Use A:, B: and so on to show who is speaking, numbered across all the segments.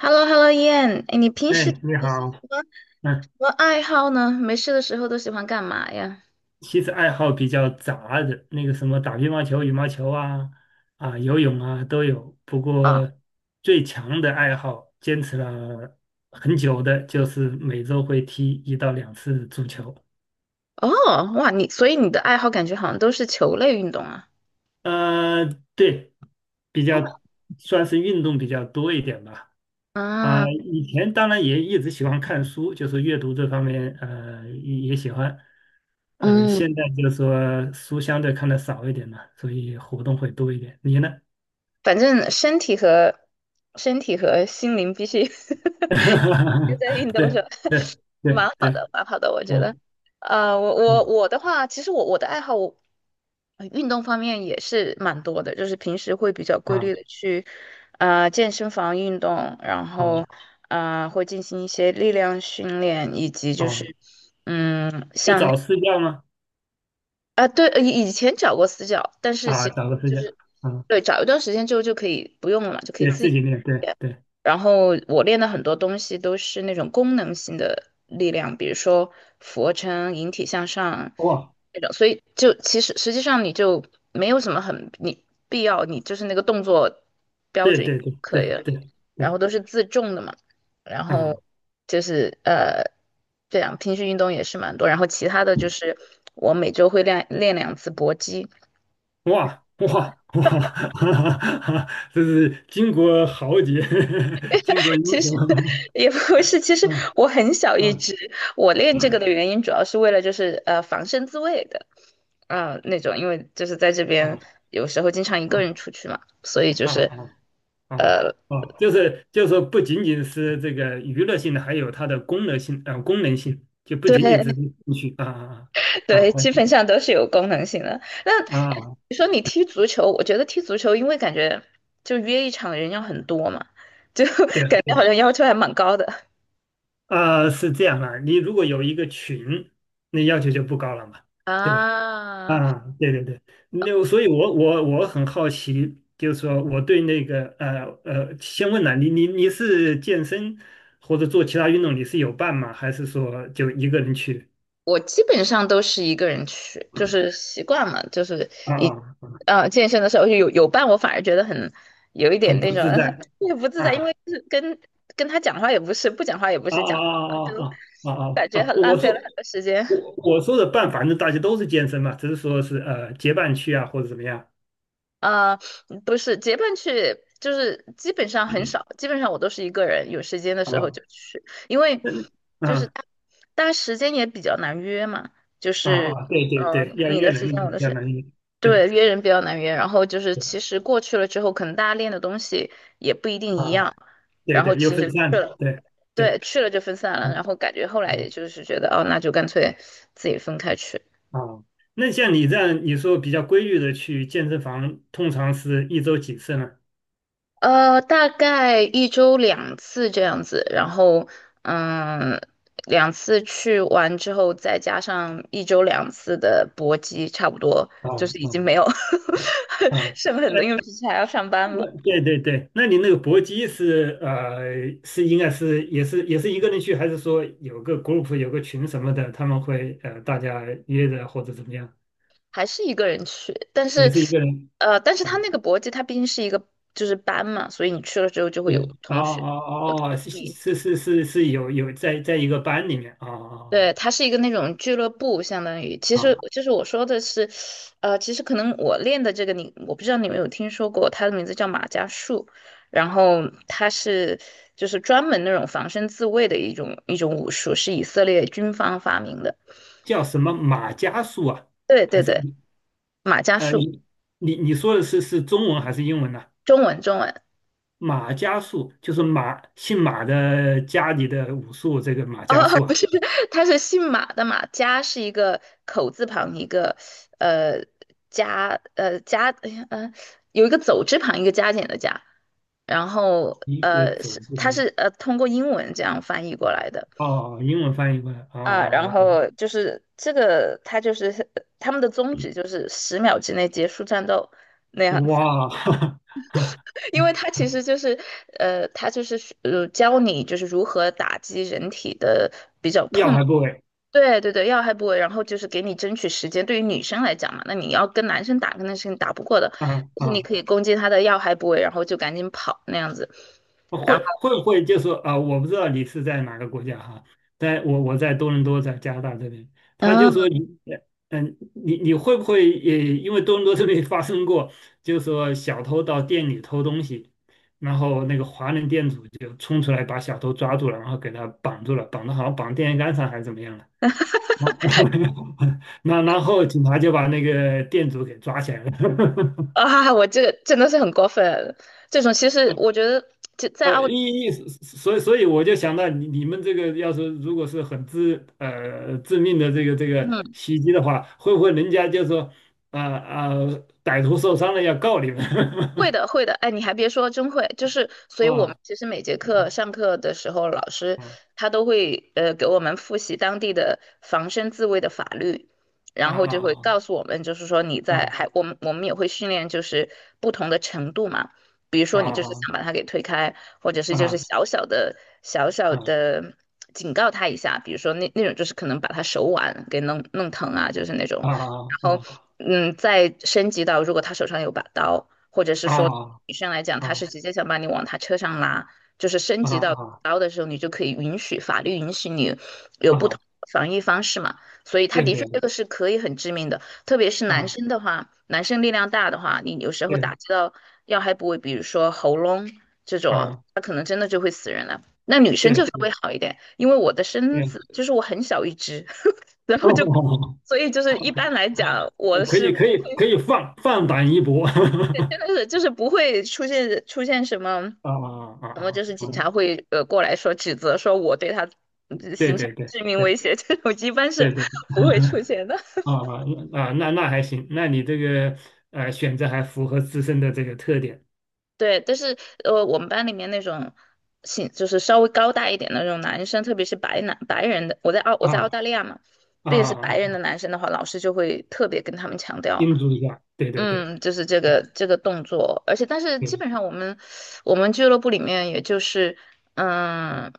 A: h e l l o h e l l o 燕，哎，你平时
B: 哎，你
A: 有些
B: 好，
A: 什么什
B: 嗯，
A: 么爱好呢？没事的时候都喜欢干嘛呀？
B: 其实爱好比较杂的，那个什么打乒乓球、羽毛球啊，啊，游泳啊都有。不
A: 啊，
B: 过最强的爱好，坚持了很久的，就是每周会踢1到2次足球。
A: 哦，哇，所以你的爱好感觉好像都是球类运动啊？
B: 呃，对，比较算是运动比较多一点吧。啊、
A: 啊，
B: 以前当然也一直喜欢看书，就是阅读这方面，也喜欢。
A: 嗯，
B: 现在就是说书相对看的少一点嘛，所以活动会多一点。你呢？
A: 反正身体和心灵必须 都在运 动是
B: 对
A: 吧？
B: 对
A: 蛮
B: 对对，
A: 好的，蛮好的，我觉得。
B: 嗯
A: 我我
B: 嗯
A: 我的话，其实我的爱好，运动方面也是蛮多的，就是平时会比较规律的
B: 啊
A: 去，健身房运动，然
B: 啊
A: 后，会进行一些力量训练，以及就
B: 啊，
A: 是，
B: 有找私教吗？
A: 啊，对，以前找过私教，但是其
B: 啊，
A: 实
B: 找个私
A: 就
B: 教，
A: 是
B: 啊，
A: 对，找一段时间之后就可以不用了嘛，就可以
B: 对
A: 自
B: 自
A: 己
B: 己练，对
A: 练。
B: 对，
A: 然后我练的很多东西都是那种功能性的力量，比如说俯卧撑、引体向上
B: 哇，
A: 那种，所以就其实实际上你就没有什么很你必要，你就是那个动作标
B: 对
A: 准
B: 对对
A: 可以
B: 对
A: 了，
B: 对
A: 然
B: 对，
A: 后都是自重的嘛。然后
B: 嗯。
A: 就是这样平时运动也是蛮多，然后其他的就是我每周会练两次搏击，
B: 哇哇哇！这是巾帼豪杰，巾帼 英
A: 其实
B: 雄。
A: 也不是，其 实
B: 嗯
A: 我很小一
B: 嗯
A: 只，我练这个的原因主要是为了就是防身自卫的，嗯、那种，因为就是在这边
B: 啊
A: 有时候经常一个人
B: 啊
A: 出去嘛，所以就
B: 啊
A: 是
B: 啊啊！
A: 呃
B: 哦，就是说，不仅仅是这个娱乐性的，还有它的功能性，功能性就 不
A: 对
B: 仅仅是兴趣啊啊啊
A: 对，基本上都是有功能性的。那
B: 啊！
A: 哎
B: 啊
A: 你说你踢足球，我觉得踢足球，因为感觉就约一场人要很多嘛，就
B: 对 了
A: 感觉
B: 对
A: 好像
B: 了，
A: 要求还蛮高的
B: 啊，是这样啊，你如果有一个群，那要求就不高了嘛，对吧？
A: 啊。
B: 啊，对对对，那所以我很好奇，就是说我对那个先问了你，你是健身或者做其他运动，你是有伴吗？还是说就一个人去？
A: 我基本上都是一个人去，就是习惯嘛，就是
B: 啊
A: 一
B: 啊，啊
A: 健身的时候有伴，我反而觉得很有一点
B: 很
A: 那
B: 不
A: 种
B: 自在
A: 也不自在，因
B: 啊
A: 为就是跟他讲话也不是，不讲话也不
B: 啊
A: 是讲，
B: 啊啊
A: 就
B: 啊啊啊啊！
A: 感
B: 啊！
A: 觉
B: 啊
A: 很浪
B: 我
A: 费了
B: 说
A: 很多时间。
B: 我说的伴，反正大家都是健身嘛，只是说是结伴去啊，或者怎么样
A: 呃，不是结伴去，就是基本上很少，基本上我都是一个人，有时间的时候
B: 啊？
A: 就去，因为
B: 嗯
A: 就是
B: 啊
A: 大家时间也比较难约嘛，就
B: 啊
A: 是
B: 啊！对对对，要一
A: 你
B: 个
A: 的时间我
B: 人，
A: 的时
B: 要
A: 间，
B: 能对
A: 对，约人比较难约，然后就是其
B: 对
A: 实过去了之后，可能大家练的东西也不一定一
B: 啊。
A: 样，
B: 对
A: 然后
B: 对，又
A: 其
B: 分
A: 实
B: 散了，对对，
A: 对去了就分散了，然
B: 嗯
A: 后感觉后来也
B: 嗯
A: 就是觉得哦，那就干脆自己分开去。
B: 哦，那像你这样，你说比较规律的去健身房，通常是1周几次呢？
A: 大概一周两次这样子，然后嗯，两次去完之后，再加上一周两次的搏击，差不多就
B: 哦
A: 是已经
B: 哦
A: 没有
B: 嗯 哦，
A: 剩
B: 哎，
A: 很多，因为平时还要上班嘛，
B: 那对对对，那你那个搏击是呃是应该是也是一个人去，还是说有个 group 有个群什么的，他们会大家约着或者怎么样？
A: 还是一个人去。但
B: 也
A: 是
B: 是一个人，
A: 他
B: 嗯，
A: 那个搏击，他毕竟是一个就是班嘛，所以你去了之后就会
B: 对，
A: 有
B: 哦哦
A: 同学。呃，
B: 哦，哦是是是是是，有在一个班里面，哦哦
A: 对，它是一个那种俱乐部，相当于，其
B: 哦。
A: 实
B: 哦
A: 就是我说的是，其实可能我练的这个你，我不知道你们有听说过，它的名字叫马伽术，然后它是就是专门那种防身自卫的一种武术，是以色列军方发明的。
B: 叫什么马伽树啊？
A: 对
B: 还
A: 对
B: 是
A: 对，马伽
B: 呃
A: 术，
B: 你你说的是中文还是英文呢、
A: 中文中文。
B: 马伽树就是马姓马的家里的武术，这个马伽
A: 哦，
B: 树
A: 不
B: 啊，
A: 是，他是姓马的马，加是一个口字旁，一个呃加加，哎呀有一个走之旁，一个加减的加，然后
B: 一个
A: 呃
B: 走
A: 是
B: 步
A: 他是呃通过英文这样翻译过来的
B: 哦，英文翻译过来哦，
A: 啊，然
B: 哦
A: 后就是这个他就是他们的宗旨就是10秒之内结束战斗那
B: 哦
A: 样子，
B: 哇，
A: 因为他其实就是教你就是如何打击人体的。比较
B: 要
A: 痛。
B: 还不为
A: 对对对，要害部位，然后就是给你争取时间。对于女生来讲嘛，那你要跟男生打，肯定是你打不过的，
B: 啊
A: 就是你
B: 啊。
A: 可以攻击他的要害部位，然后就赶紧跑那样子。然
B: 会
A: 后
B: 会不会就是啊、我不知道你是在哪个国家哈，在我在多伦多，在加拿大这边，他就
A: 啊
B: 说你，嗯，你会不会也因为多伦多这边发生过，就是说小偷到店里偷东西，然后那个华人店主就冲出来把小偷抓住了，然后给他绑住了，绑的好像绑电线杆上还是怎么样了，那然后警察就把那个店主给抓起来了。
A: 啊，我这个真的是很过分，这种其实我觉得就在澳，
B: 意一，所以我就想到你们这个要是如果是很致命的这个
A: 嗯。
B: 袭击的话，会不会人家就说啊啊、歹徒受伤了要告你们
A: 会的，会的，哎，你还别说，真会，就是，所以我们
B: 啊
A: 其实每节课上课的时候，老师
B: 嗯
A: 他都会给我们复习当地的防身自卫的法律，
B: 啊
A: 然后就会
B: 啊
A: 告诉我们，就是说还
B: 啊
A: 我们也会训练就是不同的程度嘛，比如说你就是
B: 啊
A: 想把他给推开，或者是
B: 啊
A: 就是
B: 啊
A: 小小的小小
B: 啊
A: 的警告他一下，比如说那种就是可能把他手腕给弄疼啊，就是那种。然后，
B: 啊
A: 再升级到如果他手上有把刀，或者是
B: 啊
A: 说
B: 啊
A: 女生来讲，她是直接想把你往他车上拉，就是升
B: 啊
A: 级到
B: 啊
A: 刀的时候，你就可以允许法律允许你有
B: 啊
A: 不同
B: 啊！
A: 的防御方式嘛。所以他
B: 对
A: 的确
B: 对
A: 这
B: 对
A: 个是可以很致命的。特别是男
B: 啊
A: 生的话，男生力量大的话，你有时候打
B: 对
A: 击到要害部位，比如说喉咙这种，
B: 啊
A: 他可能真的就会死人了。那女生
B: 对
A: 就稍微好一点，因为我的身子
B: 对，
A: 就是我很小一只，然 后就
B: 哦，
A: 所以就是一般来讲，我
B: 可
A: 是
B: 以可
A: 不
B: 以
A: 会
B: 可以放放胆一搏 啊
A: 真的是就是不会出现什么
B: 啊啊
A: 什么，
B: 啊！
A: 就是警察
B: 啊
A: 会过来说指责说我对他
B: 对
A: 形成
B: 对对
A: 致命威
B: 对
A: 胁这种，一般是
B: 对对，
A: 不会出现的。
B: 啊啊啊，那还行，那你这个选择还符合自身的这个特点。
A: 对，但是我们班里面那种就是稍微高大一点的那种男生，特别是白人的，我在澳我在澳
B: 啊
A: 大利亚嘛，特
B: 啊，
A: 别是白人的
B: 啊
A: 男生的话，老师就会特别跟他们强调，
B: 叮嘱一下，对对对
A: 就是这个
B: 对
A: 这个动作，而且但是基
B: 对，
A: 本上我们俱乐部里面也就是嗯，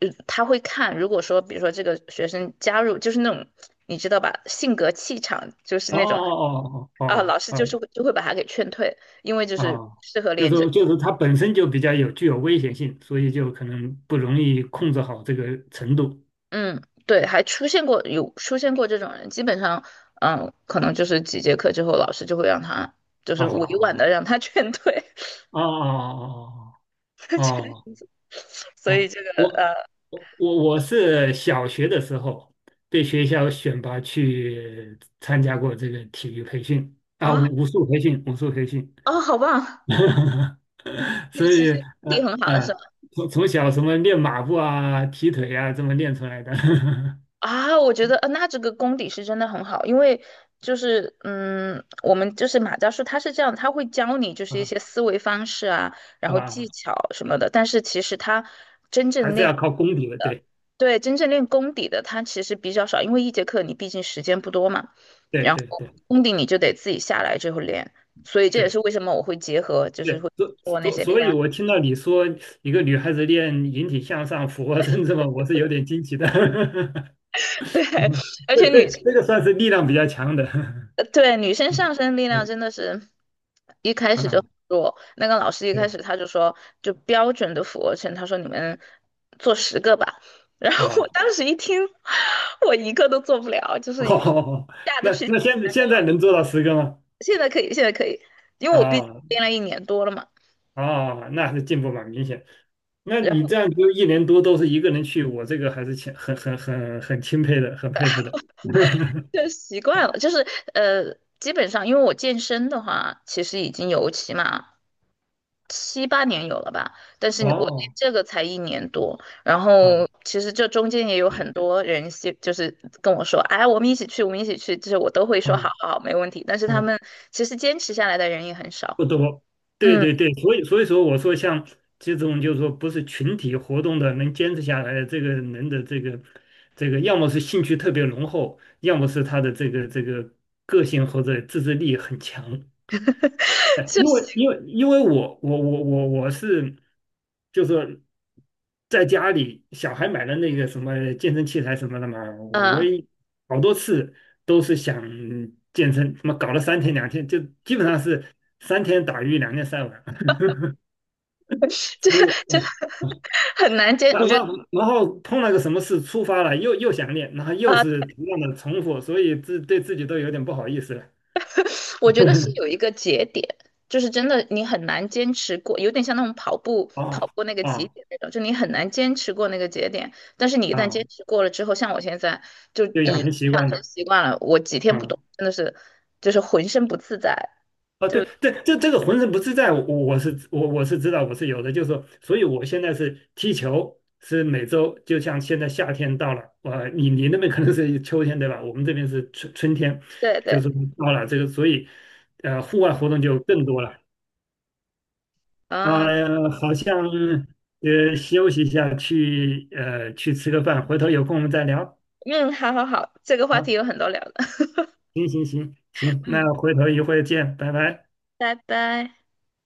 A: 他会看，如果说比如说这个学生加入就是那种你知道吧，性格气场就是
B: 哦
A: 那种
B: 哦
A: 啊，
B: 哦
A: 老师
B: 哦
A: 就是
B: 哦
A: 会就会把他给劝退。因为就
B: 哦
A: 是
B: 哦，
A: 适合
B: 就
A: 练
B: 是
A: 这。
B: 就是它本身就比较具有危险性，所以就可能不容易控制好这个程度。
A: 嗯，对，还出现过有出现过这种人，基本上，可能就是几节课之后，老师就会让他，就
B: 哦
A: 是委婉的
B: 哦
A: 让他劝退，
B: 哦哦 哦哦哦
A: 这样
B: 哦
A: 子。所以
B: 啊，我我是小学的时候被学校选拔去参加过这个体育培训啊，
A: 啊
B: 武术培训，
A: 啊，好棒！你
B: 所
A: 其
B: 以
A: 实功底
B: 呃
A: 很好的
B: 呃，
A: 是吧？
B: 从小什么练马步啊、踢腿啊，这么练出来的，
A: 啊，我觉得那这个功底是真的很好，因为就是我们就是马教授他是这样，他会教你就是一
B: 啊
A: 些思维方式啊，然后
B: 啊，
A: 技巧什么的，但是其实他真
B: 还
A: 正
B: 是
A: 练。
B: 要靠功底的，对
A: 对，真正练功底的它其实比较少，因为一节课你毕竟时间不多嘛，
B: 对对对
A: 功底你就得自己下来之后练，所以这也
B: 对
A: 是为什么我会结合，就是
B: 对，
A: 会
B: 所
A: 做那
B: 所
A: 些力
B: 所以，
A: 量。
B: 我听到你说一个女孩子练引体向上、俯卧撑这么，我是有点惊奇的。
A: 对，而
B: 这
A: 且女
B: 这
A: 生，
B: 这个算是力量比较强的，
A: 对，女生上身力量
B: 嗯
A: 真的是一开始就
B: 啊，
A: 很弱。那个老师一开
B: 对
A: 始他就说，就标准的俯卧撑，他说你们做10个吧。然后我
B: 啊，
A: 当时一听，我一个都做不了，就是
B: 哦，
A: 下 得
B: 那
A: 去。
B: 那现在能做到10个吗？
A: 现在可以，现在可以，因为我毕竟
B: 啊
A: 练了一年多了嘛。
B: 啊，那还是进步蛮明显。那你这样就1年多都是一个人去，我这个还是挺很钦佩的，很佩服的。
A: 就习惯了，就是呃，基本上因为我健身的话，其实已经有起码7、8年有了吧，但是我练
B: 哦，
A: 这个才一年多，然后
B: 啊
A: 其实这中间也有
B: 嗯
A: 很多人就是跟我说，哎，我们一起去，我们一起去，就是我都会说好
B: 嗯。
A: 好好没问题，但是他
B: 啊
A: 们其实坚持下来的人也很
B: 不
A: 少，
B: 多，对
A: 嗯，
B: 对对，所以说我说像这种就是说不是群体活动的能坚持下来的这个人的这个，要么是兴趣特别浓厚，要么是他的这个个性或者自制力很强。哎，
A: 就
B: 因
A: 是
B: 为因为因为我是，就是在家里小孩买了那个什么健身器材什么的嘛，我
A: 嗯。
B: 也好多次都是想健身，什么搞了三天两天，就基本上是三天打鱼两天晒网，
A: 这
B: 所以
A: 这很难坚，我
B: 然
A: 觉得。
B: 后然后碰了个什么事触发了，又想练，然后又是
A: 啊。
B: 同样的重复，所以对自己都有点不好意思了。
A: 我觉得是有一 个节点，就是真的你很难坚持过，有点像那种跑步跑
B: 哦
A: 过那个节
B: 啊
A: 点那种，就你很难坚持过那个节点。但是你一旦
B: 啊，
A: 坚持过了之后，像我现在就
B: 就
A: 已
B: 养成习
A: 养
B: 惯
A: 成
B: 了
A: 习惯了，我几天不动
B: 啊。
A: 真的是就是浑身不自在。
B: 啊
A: 就
B: 对，对，这个浑身不自在，我是知道，我是有的，就是说，所以我现在是踢球，是每周，就像现在夏天到了，你那边可能是秋天对吧？我们这边是春天，
A: 对
B: 就
A: 对
B: 是到了这个，所以户外活动就更多了。
A: 啊，
B: 啊、呀，好像休息一下，去吃个饭，回头有空我们再聊。
A: 嗯，好好好，这个话题
B: 啊，
A: 有很多聊的，
B: 行行行 行，
A: 嗯，
B: 那回头一会儿见，拜拜。
A: 拜拜。